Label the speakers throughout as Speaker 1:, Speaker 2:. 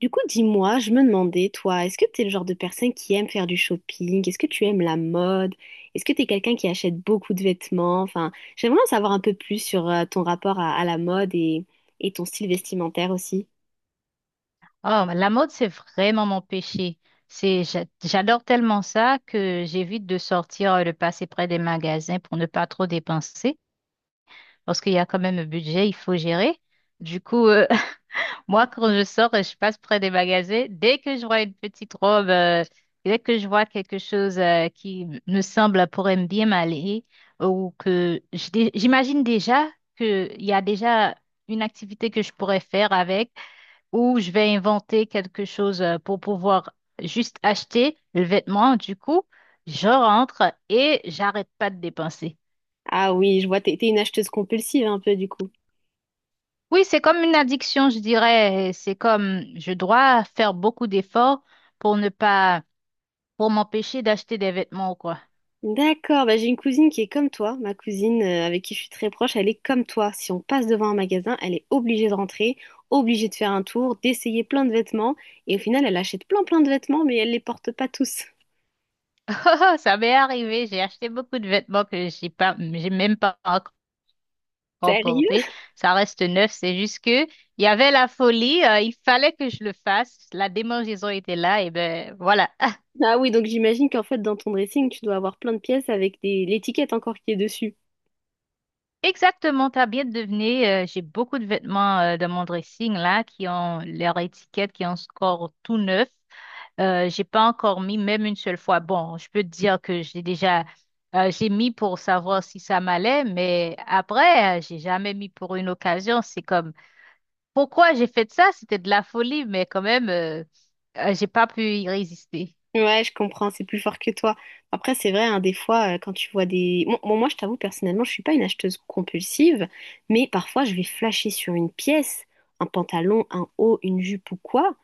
Speaker 1: Du coup, dis-moi, je me demandais, toi, est-ce que t'es le genre de personne qui aime faire du shopping? Est-ce que tu aimes la mode? Est-ce que t'es quelqu'un qui achète beaucoup de vêtements? Enfin, j'aimerais en savoir un peu plus sur ton rapport à la mode et ton style vestimentaire aussi.
Speaker 2: Oh, la mode, c'est vraiment mon péché. J'adore tellement ça que j'évite de sortir le passer près des magasins pour ne pas trop dépenser, parce qu'il y a quand même un budget, il faut gérer. Du coup, moi, quand je sors, je passe près des magasins. Dès que je vois une petite robe, dès que je vois quelque chose, me semble pourrait me bien m'aller, ou j'imagine déjà qu'il y a déjà une activité que je pourrais faire avec, ou je vais inventer quelque chose pour pouvoir juste acheter le vêtement. Du coup, je rentre et j'arrête pas de dépenser.
Speaker 1: Ah oui, je vois, t'es une acheteuse compulsive un peu du coup.
Speaker 2: Oui, c'est comme une addiction, je dirais. C'est comme je dois faire beaucoup d'efforts pour ne pas, pour m'empêcher d'acheter des vêtements ou quoi.
Speaker 1: D'accord, bah j'ai une cousine qui est comme toi. Ma cousine avec qui je suis très proche, elle est comme toi. Si on passe devant un magasin, elle est obligée de rentrer, obligée de faire un tour, d'essayer plein de vêtements. Et au final, elle achète plein plein de vêtements, mais elle les porte pas tous.
Speaker 2: Oh, ça m'est arrivé, j'ai acheté beaucoup de vêtements que j'ai pas, j'ai même pas encore
Speaker 1: Sérieux?
Speaker 2: porté. Ça reste neuf, c'est juste que il y avait la folie, il fallait que je le fasse. La démangeaison était là, et ben voilà.
Speaker 1: Ah oui, donc j'imagine qu'en fait, dans ton dressing, tu dois avoir plein de pièces avec des l'étiquette encore qui est dessus.
Speaker 2: Exactement, t'as bien deviné. J'ai beaucoup de vêtements de mon dressing là qui ont leur étiquette, qui ont encore tout neuf. J'ai pas encore mis même une seule fois. Bon, je peux te dire que j'ai déjà j'ai mis pour savoir si ça m'allait, mais après j'ai jamais mis pour une occasion. C'est comme pourquoi j'ai fait ça? C'était de la folie, mais quand même j'ai pas pu y résister.
Speaker 1: Ouais, je comprends, c'est plus fort que toi. Après, c'est vrai, hein, des fois, quand tu vois des Bon, bon, moi, je t'avoue, personnellement, je suis pas une acheteuse compulsive, mais parfois, je vais flasher sur une pièce, un pantalon, un haut, une jupe ou quoi,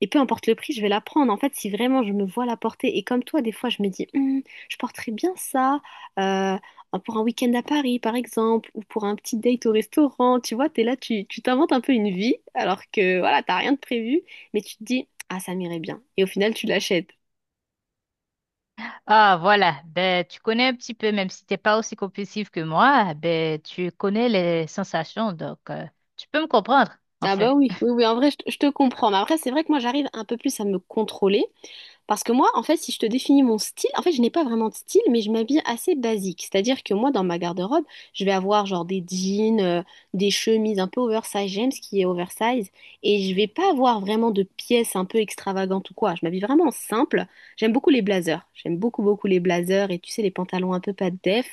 Speaker 1: et peu importe le prix, je vais la prendre. En fait, si vraiment je me vois la porter, et comme toi, des fois, je me dis, hmm, je porterais bien ça euh, pour un week-end à Paris, par exemple, ou pour un petit date au restaurant. Tu vois, t'es là, tu t'inventes un peu une vie, alors que voilà, t'as rien de prévu, mais tu te dis, ah, ça m'irait bien. Et au final, tu l'achètes.
Speaker 2: Ah, voilà. Ben, tu connais un petit peu, même si t'es pas aussi compulsif que moi, ben, tu connais les sensations, donc tu peux me comprendre,
Speaker 1: Ah
Speaker 2: enfin.
Speaker 1: bah oui, oui, oui, en vrai, je te comprends. Mais après, c'est vrai que moi, j'arrive un peu plus à me contrôler. Parce que moi, en fait, si je te définis mon style, en fait, je n'ai pas vraiment de style, mais je m'habille assez basique. C'est-à-dire que moi, dans ma garde-robe, je vais avoir genre des jeans, des chemises un peu oversize. J'aime ce qui est oversize. Et je vais pas avoir vraiment de pièces un peu extravagantes ou quoi. Je m'habille vraiment simple. J'aime beaucoup les blazers. J'aime beaucoup, beaucoup les blazers et tu sais, les pantalons un peu pas de def.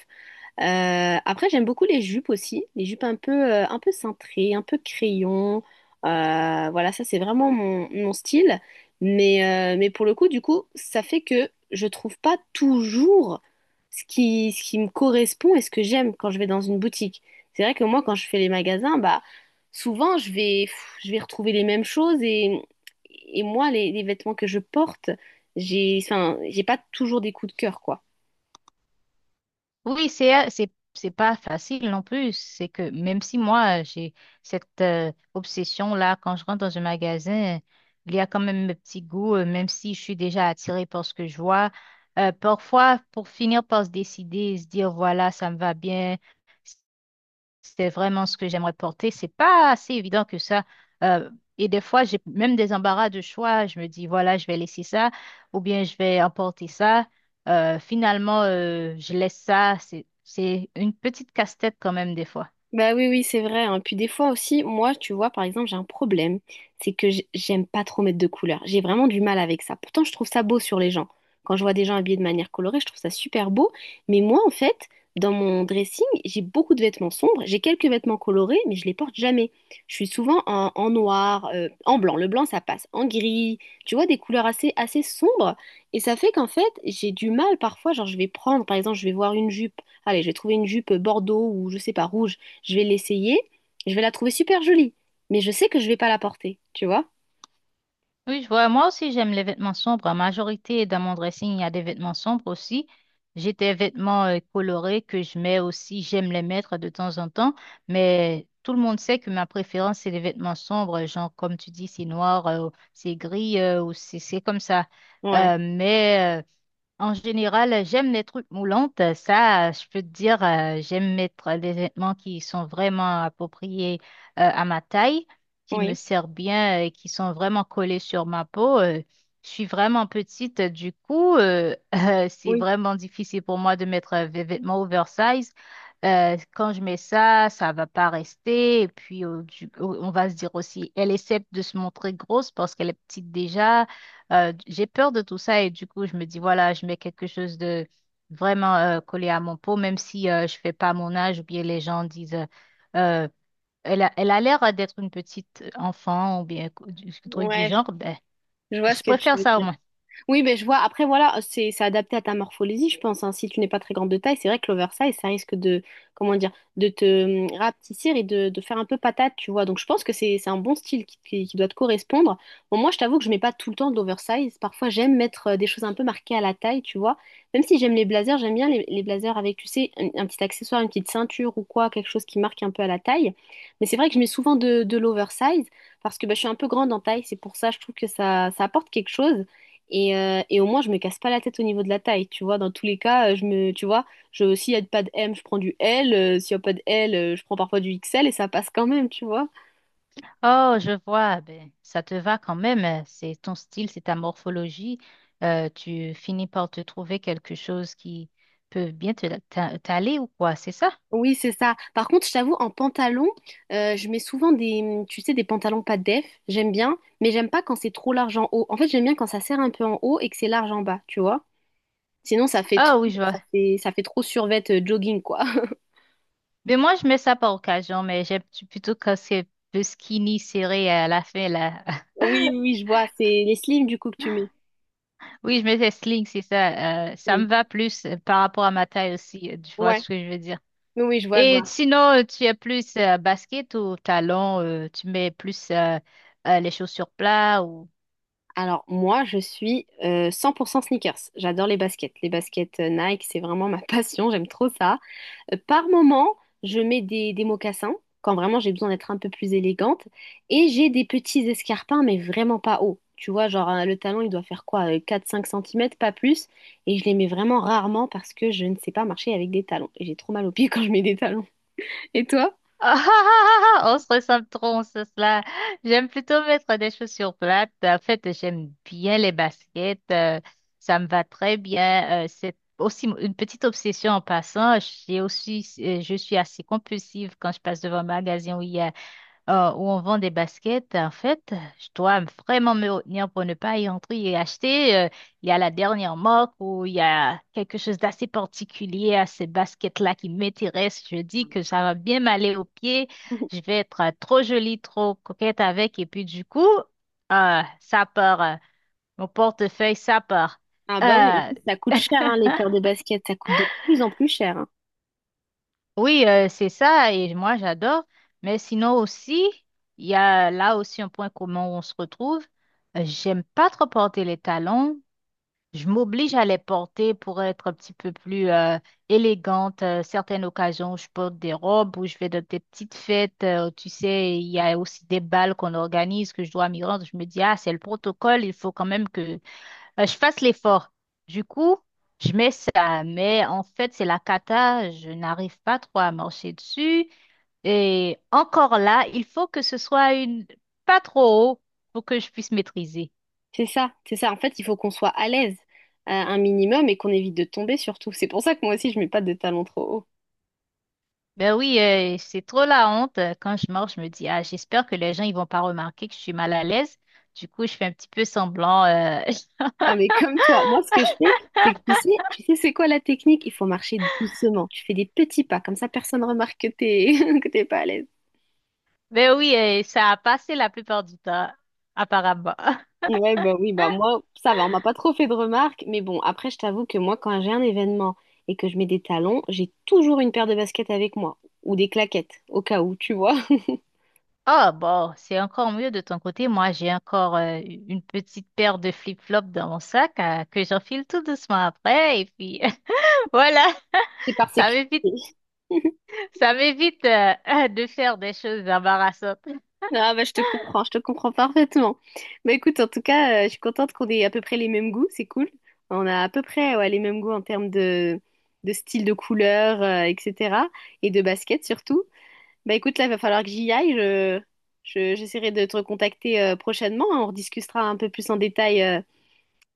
Speaker 1: Après, j'aime beaucoup les jupes aussi, les jupes un peu cintrées, un peu crayon. Voilà, ça c'est vraiment mon, mon style. Mais pour le coup, du coup, ça fait que je trouve pas toujours ce qui me correspond et ce que j'aime quand je vais dans une boutique. C'est vrai que moi, quand je fais les magasins, bah, souvent je vais, pff, je vais retrouver les mêmes choses et moi, les vêtements que je porte, j'ai, enfin, j'ai pas toujours des coups de cœur, quoi.
Speaker 2: Oui, c'est pas facile non plus. C'est que même si moi, j'ai cette obsession-là, quand je rentre dans un magasin, il y a quand même mes petits goûts, même si je suis déjà attirée par ce que je vois. Parfois, pour finir par se décider, se dire, voilà, ça me va bien. C'est vraiment ce que j'aimerais porter. C'est pas assez évident que ça. Euh, et des fois, j'ai même des embarras de choix. Je me dis, voilà, je vais laisser ça ou bien je vais emporter ça. Finalement, je laisse ça. C'est une petite casse-tête quand même des fois.
Speaker 1: Bah oui, oui, c'est vrai, hein. Puis des fois aussi, moi, tu vois, par exemple, j'ai un problème, c'est que j'aime pas trop mettre de couleurs. J'ai vraiment du mal avec ça. Pourtant, je trouve ça beau sur les gens. Quand je vois des gens habillés de manière colorée, je trouve ça super beau. Mais moi, en fait, dans mon dressing, j'ai beaucoup de vêtements sombres. J'ai quelques vêtements colorés, mais je les porte jamais. Je suis souvent en noir, en blanc. Le blanc, ça passe. En gris, tu vois, des couleurs assez, assez sombres. Et ça fait qu'en fait, j'ai du mal parfois. Genre, je vais prendre, par exemple, je vais voir une jupe. Allez, je vais trouver une jupe bordeaux ou je sais pas, rouge, je vais l'essayer, je vais la trouver super jolie, mais je sais que je vais pas la porter, tu vois?
Speaker 2: Oui, je vois. Moi aussi, j'aime les vêtements sombres. En majorité, dans mon dressing, il y a des vêtements sombres aussi. J'ai des vêtements colorés que je mets aussi. J'aime les mettre de temps en temps. Mais tout le monde sait que ma préférence, c'est les vêtements sombres. Genre, comme tu dis, c'est noir, c'est gris, ou c'est comme ça.
Speaker 1: Ouais.
Speaker 2: Euh, mais euh, en général, j'aime les trucs moulantes. Ça, je peux te dire, j'aime mettre des vêtements qui sont vraiment appropriés à ma taille, qui me
Speaker 1: Oui.
Speaker 2: servent bien et qui sont vraiment collés sur ma peau. Je suis vraiment petite, du coup, c'est
Speaker 1: Oui.
Speaker 2: vraiment difficile pour moi de mettre des vêtements oversize. Quand je mets ça, ça va pas rester. Et puis, on va se dire aussi, elle essaie de se montrer grosse parce qu'elle est petite déjà. J'ai peur de tout ça et du coup, je me dis, voilà, je mets quelque chose de vraiment collé à mon peau, même si je fais pas mon âge ou bien les gens disent, Euh, elle a l'air d'être une petite enfant ou bien co- du truc du
Speaker 1: Ouais, je,
Speaker 2: genre, ben,
Speaker 1: je vois
Speaker 2: je
Speaker 1: ce que tu
Speaker 2: préfère
Speaker 1: veux
Speaker 2: ça au
Speaker 1: dire.
Speaker 2: moins.
Speaker 1: Oui, ben je vois. Après, voilà, c'est adapté à ta morphologie, je pense, hein. Si tu n'es pas très grande de taille, c'est vrai que l'oversize, ça risque de, comment dire, de te rapetisser et de faire un peu patate, tu vois. Donc, je pense que c'est un bon style qui doit te correspondre. Bon, moi, je t'avoue que je mets pas tout le temps de l'oversize. Parfois, j'aime mettre des choses un peu marquées à la taille, tu vois. Même si j'aime les blazers, j'aime bien les blazers avec, tu sais, un petit accessoire, une petite ceinture ou quoi, quelque chose qui marque un peu à la taille. Mais c'est vrai que je mets souvent de l'oversize parce que bah, je suis un peu grande en taille. C'est pour ça, je trouve que ça apporte quelque chose. Et au moins, je me casse pas la tête au niveau de la taille, tu vois. Dans tous les cas, je me, tu vois, je, s'il y a pas de M, je prends du L. S'il y a pas de L, je prends parfois du XL et ça passe quand même, tu vois.
Speaker 2: Oh, je vois, ben, ça te va quand même, c'est ton style, c'est ta morphologie. Tu finis par te trouver quelque chose qui peut bien t'aller ou quoi, c'est ça?
Speaker 1: Oui, c'est ça. Par contre, je t'avoue, en pantalon, je mets souvent des, tu sais, des pantalons pas de def. J'aime bien, mais j'aime pas quand c'est trop large en haut. En fait, j'aime bien quand ça serre un peu en haut et que c'est large en bas, tu vois. Sinon,
Speaker 2: Ah oui, je vois.
Speaker 1: ça fait trop survêt jogging, quoi.
Speaker 2: Mais moi, je mets ça par occasion, mais plutôt quand c'est plus skinny, serré à la fin, là.
Speaker 1: Oui, oui, je vois. C'est les slims, du coup, que tu mets.
Speaker 2: Oui, je mets des slings, c'est ça. Ça
Speaker 1: Oui.
Speaker 2: me va plus par rapport à ma taille aussi, tu vois
Speaker 1: Ouais.
Speaker 2: ce que je veux dire.
Speaker 1: Oui, oui, je vois, je
Speaker 2: Et
Speaker 1: vois.
Speaker 2: sinon, tu es plus basket ou talon, tu mets plus les chaussures plats ou...
Speaker 1: Alors moi, je suis 100% sneakers. J'adore les baskets. Les baskets Nike, c'est vraiment ma passion. J'aime trop ça. Par moment, je mets des mocassins quand vraiment j'ai besoin d'être un peu plus élégante. Et j'ai des petits escarpins, mais vraiment pas hauts. Tu vois, genre le talon, il doit faire quoi? 4-5 cm, pas plus. Et je les mets vraiment rarement parce que je ne sais pas marcher avec des talons. Et j'ai trop mal aux pieds quand je mets des talons. Et toi?
Speaker 2: Ah, ah, ah, ah, on se ressemble trop, on se cela. J'aime plutôt mettre des chaussures plates. En fait, j'aime bien les baskets. Ça me va très bien. C'est aussi une petite obsession en passant. J'ai aussi, je suis assez compulsive quand je passe devant un magasin où il y a où on vend des baskets, en fait, je dois vraiment me retenir pour ne pas y entrer et acheter. Il y a la dernière marque où il y a quelque chose d'assez particulier à ces baskets-là qui m'intéresse. Je dis que ça va bien m'aller aux pieds. Je vais être trop jolie, trop coquette avec. Et puis du coup, ça part. Mon portefeuille, ça part.
Speaker 1: Ah bah oui, en
Speaker 2: Euh,
Speaker 1: plus, ça coûte cher, hein, les paires de baskets. Ça coûte de plus en plus cher, hein.
Speaker 2: Oui, c'est ça, et moi j'adore. Mais sinon aussi, il y a là aussi un point commun où on se retrouve. J'aime pas trop porter les talons. Je m'oblige à les porter pour être un petit peu plus élégante. Certaines occasions, je porte des robes ou je vais dans des petites fêtes. Tu sais, il y a aussi des bals qu'on organise que je dois m'y rendre. Je me dis, ah, c'est le protocole, il faut quand même que je fasse l'effort. Du coup, je mets ça, mais en fait, c'est la cata, je n'arrive pas trop à marcher dessus. Et encore là, il faut que ce soit une pas trop haut pour que je puisse maîtriser.
Speaker 1: C'est ça, c'est ça. En fait, il faut qu'on soit à l'aise un minimum et qu'on évite de tomber surtout. C'est pour ça que moi aussi, je mets pas de talons trop hauts.
Speaker 2: Ben oui, c'est trop la honte. Quand je marche, je me dis, ah, j'espère que les gens ils vont pas remarquer que je suis mal à l'aise. Du coup, je fais un petit peu semblant.
Speaker 1: Ah, mais comme toi, moi, ce que je fais, c'est que tu sais, c'est quoi la technique? Il faut marcher doucement. Tu fais des petits pas, comme ça, personne remarque que t'es que t'es pas à l'aise.
Speaker 2: Ben oui, ça a passé la plupart du temps, apparemment.
Speaker 1: Ouais, bah oui, bah moi, ça va, on m'a pas trop fait de remarques, mais bon, après, je t'avoue que moi, quand j'ai un événement et que je mets des talons, j'ai toujours une paire de baskets avec moi ou des claquettes, au cas où, tu vois.
Speaker 2: Ah bon, c'est encore mieux de ton côté. Moi, j'ai encore une petite paire de flip-flops dans mon sac que j'enfile tout doucement après. Et puis voilà,
Speaker 1: C'est par
Speaker 2: ça
Speaker 1: sécurité.
Speaker 2: m'évite, ça m'évite de faire des choses embarrassantes.
Speaker 1: Ah bah je te comprends parfaitement. Bah écoute, en tout cas, je suis contente qu'on ait à peu près les mêmes goûts, c'est cool. On a à peu près ouais, les mêmes goûts en termes de style de couleur, etc. Et de basket surtout. Bah écoute, là, il va falloir que j'y aille. Je, j'essaierai de te recontacter prochainement, hein. On rediscutera un peu plus en détail euh,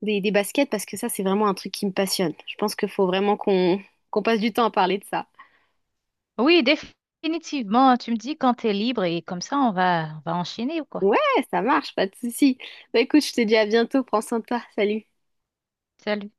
Speaker 1: des, des baskets parce que ça, c'est vraiment un truc qui me passionne. Je pense qu'il faut vraiment qu'on qu'on passe du temps à parler de ça.
Speaker 2: Oui, définitivement. Tu me dis quand t'es libre et comme ça, on va enchaîner ou quoi?
Speaker 1: Ouais, ça marche, pas de souci. Bah écoute, je te dis à bientôt, prends soin de toi, salut.
Speaker 2: Salut.